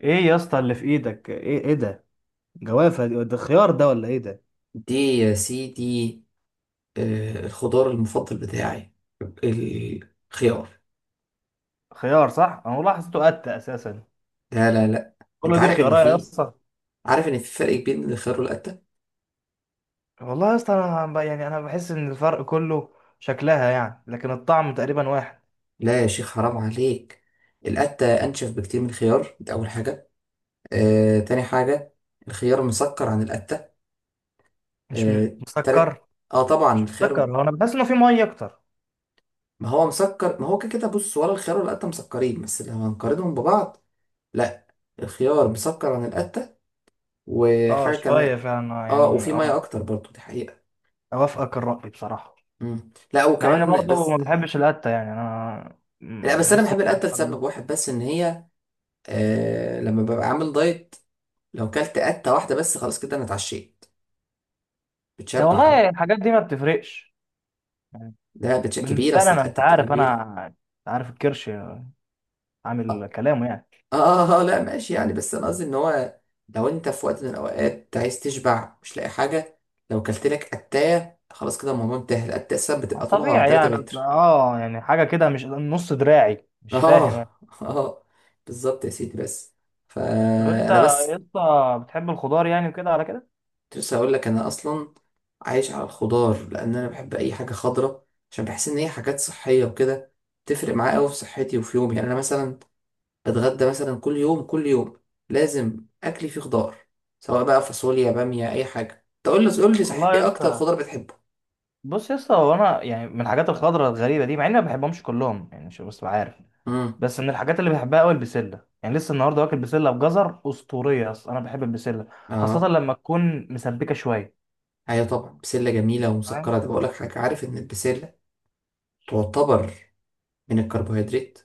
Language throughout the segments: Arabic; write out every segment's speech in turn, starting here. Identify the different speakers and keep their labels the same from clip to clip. Speaker 1: ايه يا اسطى اللي في ايدك؟ ايه ايه ده؟ جوافه دي، ده خيار ده ولا ايه ده؟
Speaker 2: دي يا سيدي. الخضار المفضل بتاعي الخيار.
Speaker 1: خيار صح، انا والله حسيته قتة اساسا.
Speaker 2: لا. انت
Speaker 1: كله دي
Speaker 2: عارف ان
Speaker 1: خيارات يا
Speaker 2: في،
Speaker 1: اسطى.
Speaker 2: عارف ان في فرق كبير بين الخيار والقتة.
Speaker 1: والله يا اسطى انا يعني انا بحس ان الفرق كله شكلها يعني، لكن الطعم تقريبا واحد.
Speaker 2: لا يا شيخ حرام عليك. القتة انشف بكتير من الخيار، ده اول حاجة. تاني حاجة، الخيار مسكر عن القتة.
Speaker 1: مش م-
Speaker 2: آه، تالت،
Speaker 1: مسكر
Speaker 2: اه طبعا
Speaker 1: مش
Speaker 2: الخيار.
Speaker 1: مسكر، هو انا بحس انه في ميه اكتر.
Speaker 2: ما هو مسكر، ما هو كده كده، بص ولا الخيار ولا القتة مسكرين، بس لو هنقارنهم ببعض، لا، الخيار مسكر عن القتة.
Speaker 1: اه
Speaker 2: وحاجة
Speaker 1: شويه
Speaker 2: كمان،
Speaker 1: فعلا،
Speaker 2: اه
Speaker 1: يعني
Speaker 2: وفي مية
Speaker 1: اه.
Speaker 2: اكتر برضو، دي حقيقة.
Speaker 1: اوافقك الرأي بصراحه،
Speaker 2: لا
Speaker 1: مع اني
Speaker 2: وكمان
Speaker 1: برضه ما
Speaker 2: بس.
Speaker 1: بحبش القتة يعني، انا
Speaker 2: لا بس انا
Speaker 1: بحس ان
Speaker 2: بحب
Speaker 1: انا.
Speaker 2: القته لسبب واحد بس، ان هي آه لما ببقى عامل دايت، لو كلت قته واحده بس خلاص كده انا اتعشيت،
Speaker 1: إيه
Speaker 2: بتشبع قوي.
Speaker 1: والله الحاجات دي ما بتفرقش يعني.
Speaker 2: ده بتش كبيره،
Speaker 1: بالنسبه لي
Speaker 2: اصل
Speaker 1: انا، انت
Speaker 2: القته بتبقى
Speaker 1: عارف
Speaker 2: كبيره.
Speaker 1: انا، انت عارف الكرش عامل
Speaker 2: اه.
Speaker 1: كلامه يعني.
Speaker 2: لا ماشي يعني، بس انا قصدي ان هو لو انت في وقت من الاوقات عايز تشبع مش لاقي حاجه، لو كلت لك قتايه خلاص كده الموضوع انتهى. القتايه اصلا
Speaker 1: ما
Speaker 2: بتبقى طولها
Speaker 1: طبيعي
Speaker 2: 3
Speaker 1: يعني،
Speaker 2: متر.
Speaker 1: اه يعني حاجه كده مش نص دراعي، مش فاهم
Speaker 2: اه
Speaker 1: انا.
Speaker 2: اه بالظبط يا سيدي. بس
Speaker 1: طب انت
Speaker 2: فانا
Speaker 1: يا
Speaker 2: بس
Speaker 1: اسطى بتحب الخضار يعني وكده على كده؟
Speaker 2: كنت لسه هقول لك، انا اصلا عايش على الخضار، لان انا بحب اي حاجه خضراء، عشان بحس ان هي حاجات صحيه وكده. تفرق معايا قوي في صحتي وفي يومي. يعني انا مثلا بتغدى مثلا كل يوم، كل يوم لازم اكلي فيه خضار، سواء بقى فاصوليا، باميه، اي حاجه. تقول لي قول لي صحيح،
Speaker 1: والله يا
Speaker 2: ايه اكتر
Speaker 1: اسطى،
Speaker 2: خضار بتحبه؟
Speaker 1: بص يا اسطى هو انا يعني من الحاجات الخضراء الغريبه دي، مع اني ما بحبهمش كلهم يعني، مش بس عارف.
Speaker 2: امم
Speaker 1: بس من الحاجات اللي بحبها قوي البسله، يعني لسه النهارده واكل بسله بجزر اسطوريه. اصلا انا بحب البسله خاصه
Speaker 2: اه
Speaker 1: لما تكون مسبكه شويه،
Speaker 2: ايوه طبعا، بسله جميله
Speaker 1: فاهم.
Speaker 2: ومسكره. ده بقول لك حاجه، عارف ان البسله تعتبر من الكربوهيدرات؟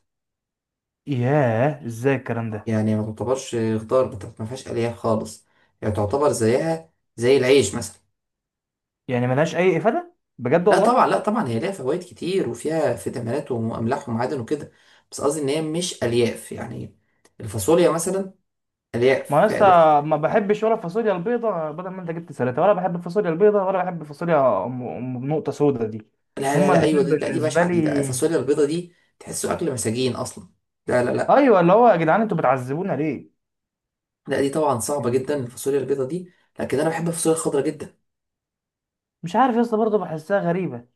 Speaker 1: ياه ازاي الكلام ده؟
Speaker 2: يعني ما تعتبرش خضار، ما فيهاش الياف خالص، يعني تعتبر زيها زي العيش مثلا.
Speaker 1: يعني ملهاش اي افاده بجد
Speaker 2: لا
Speaker 1: والله؟
Speaker 2: طبعا، لا طبعا هي ليها فوائد كتير، وفيها فيتامينات واملاح ومعادن وكده، بس قصدي ان هي مش الياف، يعني الفاصوليا مثلا الياف،
Speaker 1: ما أنا
Speaker 2: فيها
Speaker 1: لسه
Speaker 2: الياف كتير.
Speaker 1: ما بحبش ولا الفاصوليا البيضة، بدل ما انت جبت سلطة، ولا بحب الفاصوليا البيضة ولا بحب الفاصوليا أم أم بنقطة سودا دي.
Speaker 2: لا لا
Speaker 1: هما
Speaker 2: لا ايوه
Speaker 1: الاتنين
Speaker 2: دي، لا دي
Speaker 1: بالنسبة
Speaker 2: بشعه دي، ده
Speaker 1: لي.
Speaker 2: الفاصوليا البيضه دي تحسه اكل مساجين اصلا. لا.
Speaker 1: ايوه اللي هو يا جدعان انتوا بتعذبونا ليه؟
Speaker 2: لا دي طبعا صعبه
Speaker 1: يعني.
Speaker 2: جدا الفاصوليا البيضه دي، لكن انا بحب الفاصوليا الخضراء جدا.
Speaker 1: مش عارف يا اسطى، برضه بحسها غريبة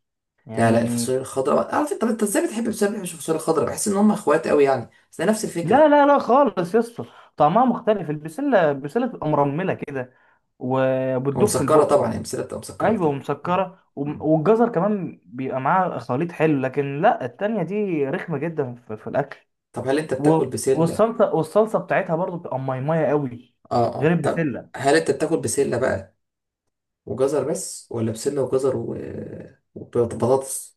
Speaker 2: لا
Speaker 1: يعني.
Speaker 2: الفاصوليا الخضراء، عارف انت طب انت ازاي بتحب، ازاي ما بتحبش الفاصوليا الخضراء؟ بحس ان هم اخوات قوي يعني، بس ده نفس
Speaker 1: لا
Speaker 2: الفكره.
Speaker 1: لا لا خالص يا اسطى، طعمها مختلف. البسلة بتبقى مرملة كده وبتدوب في
Speaker 2: ومسكره
Speaker 1: البق.
Speaker 2: طبعا، هي بسله بتبقى مسكره
Speaker 1: ايوه
Speaker 2: اكتر. م.
Speaker 1: ومسكرة
Speaker 2: م.
Speaker 1: والجزر كمان بيبقى معاها خليط حلو، لكن لا، التانية دي رخمة جدا في الأكل.
Speaker 2: طب هل انت
Speaker 1: و-
Speaker 2: بتاكل بسله؟
Speaker 1: والصلصه، والصلصه بتاعتها برضو بتبقى ميميه قوي
Speaker 2: اه
Speaker 1: غير
Speaker 2: اه طب
Speaker 1: البسله.
Speaker 2: هل انت بتاكل بسلة بقى وجزر بس ولا بسلة وجزر وبطاطس؟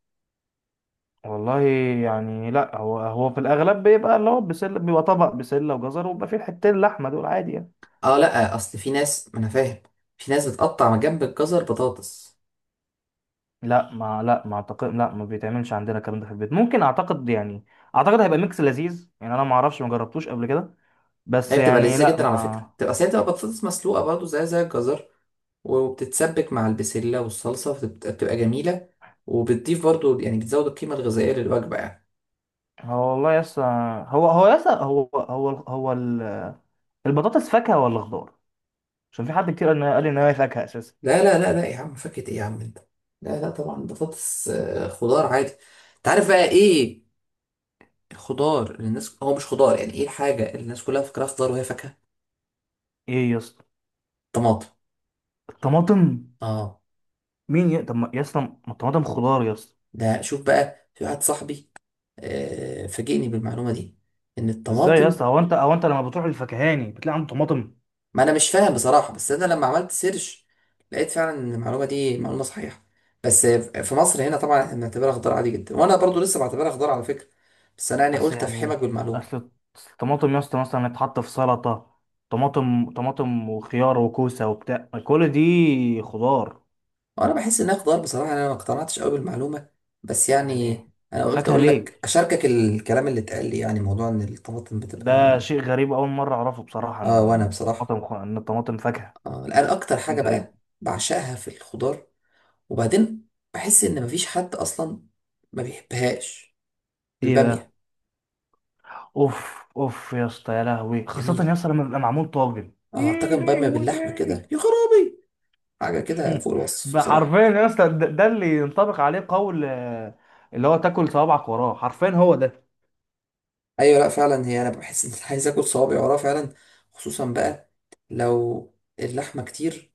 Speaker 1: والله يعني لا، هو هو في الاغلب بيبقى اللي هو بسله، بيبقى طبق بسله وجزر، وبيبقى فيه حتتين لحمه دول عادي يعني.
Speaker 2: اه لا اصل في ناس، ما انا فاهم، في ناس بتقطع من جنب الجزر بطاطس.
Speaker 1: لا ما اعتقد، لا ما بيتعملش عندنا الكلام ده في البيت، ممكن اعتقد يعني. اعتقد هيبقى ميكس لذيذ يعني، انا ما اعرفش، ما جربتوش قبل كده. بس
Speaker 2: هي بتبقى
Speaker 1: يعني
Speaker 2: لذيذة
Speaker 1: لا
Speaker 2: جدا على فكرة.
Speaker 1: ما.
Speaker 2: بتبقى، أصل هي بتبقى بطاطس مسلوقة برضه زي الجزر، وبتتسبك مع البسلة والصلصة، فبتبقى جميلة، وبتضيف برضه يعني بتزود القيمة الغذائية للوجبة يعني.
Speaker 1: هو والله يس، هو يس، هو البطاطس فاكهة ولا خضار؟ عشان في حد كتير قال ان هي فاكهة اساسا.
Speaker 2: لا، لا يا عم، فاكهة ايه يا عم انت؟ لا لا طبعا بطاطس خضار عادي. انت عارف بقى ايه الخضار اللي الناس، هو مش خضار يعني، ايه الحاجة اللي الناس كلها فاكراها خضار وهي فاكهة؟
Speaker 1: ايه يا اسطى؟
Speaker 2: طماطم.
Speaker 1: الطماطم؟
Speaker 2: اه.
Speaker 1: مين ي... طب يا اسطى ما الطماطم خضار يا اسطى.
Speaker 2: ده شوف بقى، في واحد صاحبي آه فاجئني بالمعلومة دي ان
Speaker 1: ازاي يا
Speaker 2: الطماطم،
Speaker 1: اسطى؟ هو انت لما بتروح للفكهاني بتلاقي عنده طماطم؟
Speaker 2: ما انا مش فاهم بصراحة، بس انا لما عملت سيرش لقيت فعلا ان المعلومة دي معلومة صحيحة. بس في مصر هنا طبعا احنا بنعتبرها خضار عادي جدا، وانا برضو لسه بعتبرها خضار على فكرة، بس انا يعني
Speaker 1: اصل
Speaker 2: قلت افحمك
Speaker 1: يعني،
Speaker 2: بالمعلومة.
Speaker 1: اصل، أصل الطماطم يا اسطى مثلا تتحط في سلطه، طماطم وخيار وكوسه وبتاع، كل دي خضار
Speaker 2: انا بحس انها خضار بصراحه، يعني انا ما اقتنعتش قوي بالمعلومه، بس
Speaker 1: يعني.
Speaker 2: يعني انا قلت
Speaker 1: فاكهه
Speaker 2: اقول لك
Speaker 1: ليه؟
Speaker 2: اشاركك الكلام اللي اتقال لي، يعني موضوع ان الطماطم بتبقى.
Speaker 1: ده شيء غريب، اول مره اعرفه بصراحه
Speaker 2: اه وانا
Speaker 1: ان
Speaker 2: بصراحه،
Speaker 1: الطماطم ان الطماطم فاكهه.
Speaker 2: الان اكتر حاجه
Speaker 1: شيء غريب.
Speaker 2: بقى بعشقها في الخضار وبعدين، بحس ان مفيش حد اصلا ما بيحبهاش،
Speaker 1: ايه بقى؟
Speaker 2: الباميه.
Speaker 1: اوف اوف يا اسطى يا لهوي، خاصه يا
Speaker 2: جميله.
Speaker 1: اسطى لما بيبقى معمول طاجن،
Speaker 2: اه
Speaker 1: ايه
Speaker 2: طاجن باميه باللحمه
Speaker 1: لهوتي.
Speaker 2: كده، يا خرابي، حاجه كده فوق الوصف
Speaker 1: ده حرفيا
Speaker 2: بصراحه.
Speaker 1: يا اسطى ده، ده اللي ينطبق عليه قول اللي هو تاكل صوابعك وراه، حرفيا هو ده.
Speaker 2: ايوه، لا فعلا، هي انا بحس ان أنا عايز اكل صوابعي وراه فعلا، خصوصا بقى لو اللحمه كتير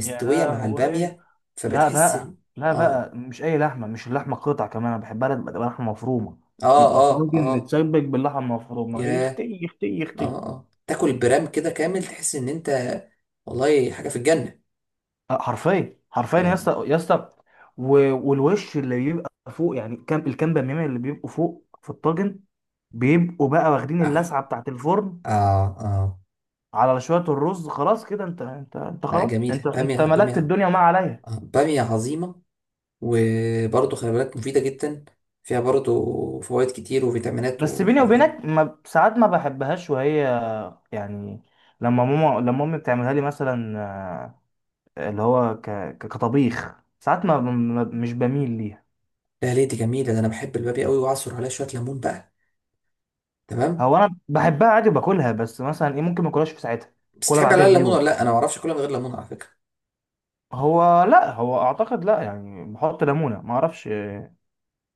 Speaker 1: يا
Speaker 2: مع
Speaker 1: لهوي.
Speaker 2: الباميه،
Speaker 1: لا
Speaker 2: فبتحس
Speaker 1: بقى،
Speaker 2: ان
Speaker 1: لا
Speaker 2: اه،
Speaker 1: بقى، مش اي لحمه، مش اللحمه قطع كمان، انا بحبها لما تبقى لحمه مفرومه.
Speaker 2: اه
Speaker 1: يبقى
Speaker 2: اه
Speaker 1: طاجن
Speaker 2: اه،
Speaker 1: متسبك باللحمه المفرومه،
Speaker 2: ياه،
Speaker 1: يختي يختي
Speaker 2: اه
Speaker 1: يختي.
Speaker 2: اه تاكل برام كده كامل، تحس ان انت والله حاجه في الجنه.
Speaker 1: حرفيا حرفيا يا
Speaker 2: اه.
Speaker 1: اسطى يا اسطى. والوش اللي بيبقى فوق يعني، كام الكام بميمه اللي بيبقوا فوق في الطاجن، بيبقوا بقى واخدين
Speaker 2: اه
Speaker 1: اللسعه بتاعت الفرن
Speaker 2: اه, آه.
Speaker 1: على شوية الرز، خلاص كده انت انت
Speaker 2: آه
Speaker 1: خلاص، انت
Speaker 2: جميله،
Speaker 1: انت
Speaker 2: باميه،
Speaker 1: ملكت
Speaker 2: باميه.
Speaker 1: الدنيا وما عليا.
Speaker 2: باميه عظيمه. وبرضه خلي بالك، مفيده جدا، فيها برضه فوائد كتير وفيتامينات
Speaker 1: بس بيني
Speaker 2: وحاجات.
Speaker 1: وبينك ما ساعات ما بحبهاش، وهي يعني لما ماما لما امي بتعملها لي مثلا، اللي هو ك... كطبيخ ساعات ما... ما مش بميل ليها.
Speaker 2: لا ليه؟ دي جميله، ده انا بحب البابي قوي واعصر عليها شويه ليمون بقى. تمام.
Speaker 1: هو انا بحبها عادي وباكلها، بس مثلا ايه ممكن ما اكلهاش في ساعتها،
Speaker 2: بس
Speaker 1: كلها
Speaker 2: تحب عليها
Speaker 1: بعدها
Speaker 2: الليمون
Speaker 1: بيوم.
Speaker 2: ولا لا؟ انا ما اعرفش اكلها من غير ليمون على فكره.
Speaker 1: هو لا، هو اعتقد لا، يعني بحط ليمونه، ما اعرفش.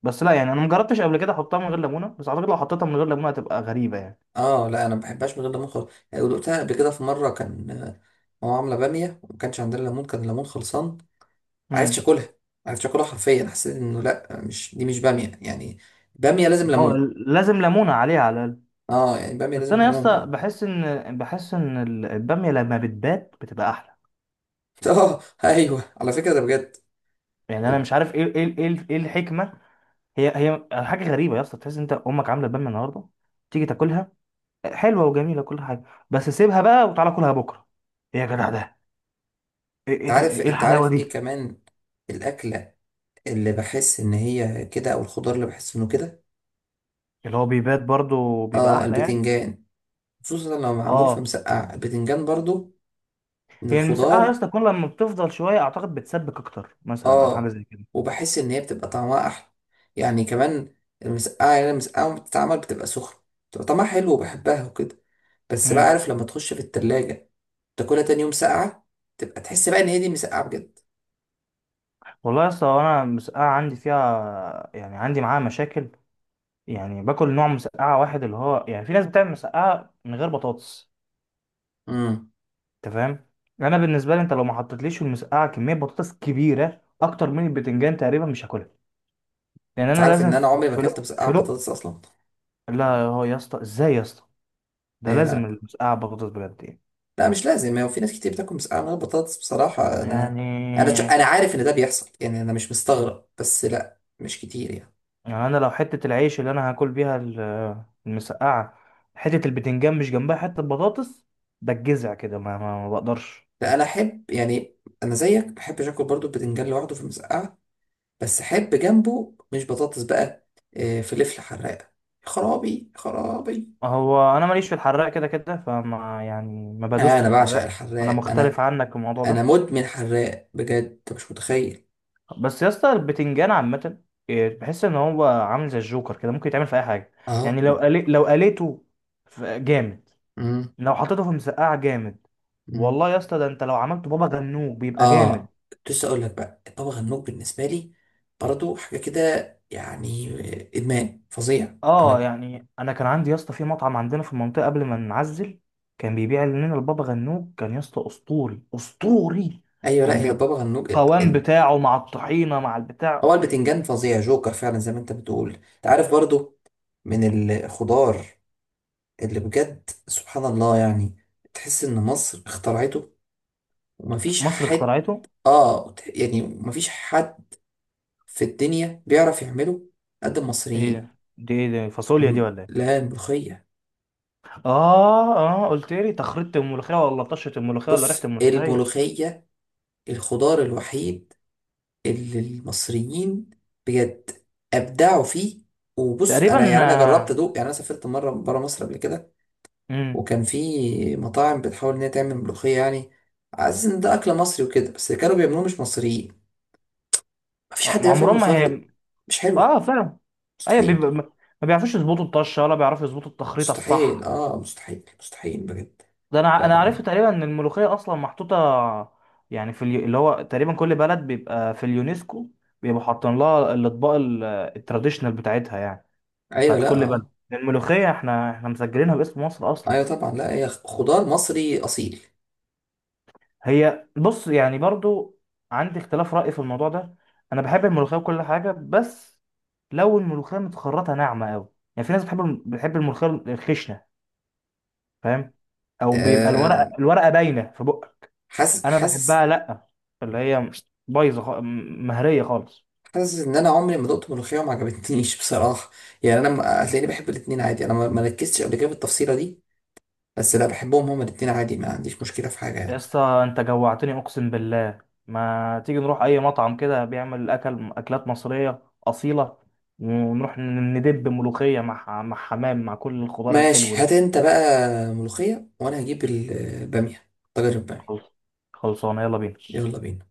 Speaker 1: بس لا يعني، انا مجربتش قبل كده احطها من غير ليمونه، بس اعتقد لو حطيتها من غير ليمونه هتبقى غريبه يعني.
Speaker 2: اه لا انا ما بحبهاش من غير ليمون خالص، يعني دقتها قبل كده في مره، كان ماما عامله باميه وما كانش عندنا ليمون، كان الليمون خلصان، عرفتش
Speaker 1: مم.
Speaker 2: اكلها عرفتش اكلها حرفيا. حسيت انه لا مش دي، مش باميه يعني. باميه لازم
Speaker 1: هو
Speaker 2: ليمون.
Speaker 1: لازم ليمونة عليها على الأقل.
Speaker 2: اه يعني باميه
Speaker 1: بس
Speaker 2: لازم
Speaker 1: أنا يا
Speaker 2: ليمون
Speaker 1: اسطى
Speaker 2: بجد.
Speaker 1: بحس إن، بحس إن البامية لما بتبات بتبقى أحلى
Speaker 2: اه ايوه على فكره ده بجد.
Speaker 1: يعني. أنا
Speaker 2: انت
Speaker 1: مش عارف إيه الحكمة. هي حاجة غريبة يا اسطى، تحس إن أنت أمك عاملة بامية النهاردة، تيجي تاكلها حلوة وجميلة كل حاجة، بس سيبها بقى وتعالى كلها بكرة، إيه يا جدع ده؟ إيه إيه ده
Speaker 2: عارف،
Speaker 1: إيه
Speaker 2: انت
Speaker 1: الحلاوة
Speaker 2: عارف ايه
Speaker 1: دي؟
Speaker 2: كمان الاكله اللي بحس ان هي كده، او الخضار اللي بحس انه كده؟
Speaker 1: اللي هو بيبات برضه بيبقى
Speaker 2: اه،
Speaker 1: أحلى يعني.
Speaker 2: البتنجان، خصوصا لو معمول في
Speaker 1: آه.
Speaker 2: مسقعة، البتنجان برضو من
Speaker 1: هي المسقعة يا
Speaker 2: الخضار.
Speaker 1: اسطى كل لما بتفضل شوية أعتقد بتسبك أكتر مثلا، أو حاجة
Speaker 2: اه
Speaker 1: زي كده.
Speaker 2: وبحس ان هي بتبقى طعمها احلى يعني كمان، المسقعة يعني، المسقعة لما بتتعمل بتبقى سخنة بتبقى طعمها حلو وبحبها وكده، بس بقى
Speaker 1: امم.
Speaker 2: عارف لما تخش في التلاجة تاكلها تاني يوم ساقعة، تبقى تحس بقى ان هي دي مسقعة بجد.
Speaker 1: والله يا اسطى، هو انا المسقعه عندي فيها يعني، عندي معاها مشاكل يعني. باكل نوع مسقعه واحد، اللي هو يعني في ناس بتعمل مسقعه من غير بطاطس.
Speaker 2: امم
Speaker 1: انت فاهم؟ انا بالنسبه لي، انت لو ما حطيتليش في المسقعه كميه بطاطس كبيره اكتر من البتنجان تقريبا مش هاكلها. لان
Speaker 2: انت
Speaker 1: انا
Speaker 2: عارف
Speaker 1: لازم
Speaker 2: ان انا
Speaker 1: في
Speaker 2: عمري ما
Speaker 1: في
Speaker 2: اكلت
Speaker 1: لق
Speaker 2: مسقعة
Speaker 1: في لق.
Speaker 2: بطاطس اصلا؟
Speaker 1: لا هو يا اسطى، ازاي يا اسطى؟ ده
Speaker 2: اي
Speaker 1: لازم
Speaker 2: لا.
Speaker 1: المسقعه بطاطس بجد يعني.
Speaker 2: لا مش لازم، هو في ناس كتير بتاكل مسقعه من غير بطاطس بصراحه. انا
Speaker 1: يعني،
Speaker 2: انا عارف ان ده بيحصل، يعني انا مش مستغرب، بس لا مش كتير يعني.
Speaker 1: يعني انا لو حته العيش اللي انا هاكل بيها المسقعه، حته البتنجان مش جنبها حته بطاطس، بتجزع كده، ما بقدرش.
Speaker 2: لا انا احب يعني، انا زيك ما بحبش اكل برضو البتنجان لوحده في المسقعه، بس احب جنبه، مش بطاطس بقى، فلفل حراق. خرابي خرابي.
Speaker 1: هو انا ماليش في الحراق كده كده، فما يعني ما بدوست
Speaker 2: انا
Speaker 1: في
Speaker 2: بعشق
Speaker 1: الحراق. انا
Speaker 2: الحراق انا،
Speaker 1: مختلف عنك في الموضوع
Speaker 2: انا
Speaker 1: ده.
Speaker 2: مدمن حراق بجد، أنت مش متخيل.
Speaker 1: بس يا اسطى البتنجان عامه، بحس ان هو عامل زي الجوكر كده، ممكن يتعمل في اي حاجه
Speaker 2: اه.
Speaker 1: يعني. لو قلي... لو قليته جامد، لو حطيته في مسقعه جامد.
Speaker 2: امم
Speaker 1: والله يا اسطى ده انت لو عملته بابا غنوج بيبقى جامد.
Speaker 2: اه كنت لسه اقول لك بقى، الطبخ الموج بالنسبه لي برضه حاجه كده يعني، ادمان فظيع.
Speaker 1: اه
Speaker 2: انا
Speaker 1: يعني انا كان عندي يا اسطى في مطعم عندنا في المنطقه قبل ما نعزل، كان بيبيع لنا البابا غنوج، كان يا اسطى اسطوري اسطوري.
Speaker 2: ايوه، لا
Speaker 1: كان
Speaker 2: هي
Speaker 1: بيبقى
Speaker 2: البابا غنوج،
Speaker 1: القوام
Speaker 2: ال-
Speaker 1: بتاعه مع الطحينه مع البتاع.
Speaker 2: هو البتنجان فظيع، جوكر فعلا زي ما انت بتقول. انت عارف برضه من الخضار اللي بجد سبحان الله يعني، تحس ان مصر اخترعته، ومفيش
Speaker 1: مصر
Speaker 2: حد،
Speaker 1: اخترعته.
Speaker 2: يعني مفيش حد في الدنيا بيعرف يعمله قد
Speaker 1: ايه
Speaker 2: المصريين.
Speaker 1: ده؟ دي ايه ده، فاصوليا دي ولا ايه؟
Speaker 2: لا الملوخيه.
Speaker 1: اه اه، قلت لي تخريطه الملوخيه ولا طشه الملوخيه ولا ريحه
Speaker 2: بص،
Speaker 1: الملوخيه؟
Speaker 2: الملوخيه الخضار الوحيد اللي المصريين بجد ابدعوا فيه. وبص انا
Speaker 1: تقريبا.
Speaker 2: يعني، انا جربت ادوق، يعني انا سافرت مره بره مصر قبل كده،
Speaker 1: امم.
Speaker 2: وكان في مطاعم بتحاول ان هي تعمل ملوخيه يعني، عايز ان ده اكل مصري وكده، بس اللي كانوا بيعملوه مش مصريين. مفيش حد بيعرف يعمل
Speaker 1: عمرهم
Speaker 2: ملوخيه
Speaker 1: ما
Speaker 2: غير-
Speaker 1: هي.
Speaker 2: مش حلوه،
Speaker 1: اه فعلا. ايوه
Speaker 2: مستحيل.
Speaker 1: بيبقى ما، ما بيعرفوش يظبطوا الطشه، ولا بيعرفوا يظبطوا التخريطه
Speaker 2: مستحيل
Speaker 1: الصح.
Speaker 2: اه مستحيل مستحيل بجد.
Speaker 1: ده
Speaker 2: ف...
Speaker 1: انا عرفت تقريبا ان الملوخيه اصلا محطوطه يعني في اليو... اللي هو تقريبا كل بلد بيبقى في اليونسكو بيبقوا حاطين لها الاطباق التراديشنال بتاعتها يعني،
Speaker 2: ايوه
Speaker 1: بتاعت
Speaker 2: لا
Speaker 1: كل بلد.
Speaker 2: اه.
Speaker 1: الملوخيه احنا مسجلينها باسم مصر اصلا.
Speaker 2: ايوه طبعا، لا هي خضار مصري اصيل.
Speaker 1: هي بص يعني برضو عندي اختلاف راي في الموضوع ده. انا بحب الملوخيه وكل حاجه، بس لو الملوخيه متخرطه ناعمه قوي. يعني في ناس بتحب بتحب الملوخيه الخشنه، فاهم؟ او بيبقى
Speaker 2: آه
Speaker 1: الورقه باينه في بقك.
Speaker 2: حاسس،
Speaker 1: انا
Speaker 2: حاسس.
Speaker 1: بحبها لا، اللي هي بايظه مهريه خالص.
Speaker 2: حاسس ان انا عمري ما دقت ملوخيه وما عجبتنيش بصراحه، يعني انا هتلاقيني بحب الاتنين عادي، انا ما ركزتش قبل كده في التفصيله دي، بس لا بحبهم هما الاتنين عادي، ما عنديش مشكله في حاجه
Speaker 1: يا
Speaker 2: يعني.
Speaker 1: اسطى انت جوعتني اقسم بالله. ما تيجي نروح اي مطعم كده بيعمل اكل، اكلات مصريه اصيله، ونروح ندب ملوخيه مع مع حمام مع كل الخضار
Speaker 2: ماشي،
Speaker 1: الحلو
Speaker 2: هات
Speaker 1: ده.
Speaker 2: انت بقى ملوخيه، وانا هجيب الباميه، طاجن الباميه.
Speaker 1: خلص، خلصانه، يلا بينا.
Speaker 2: يلا بينا.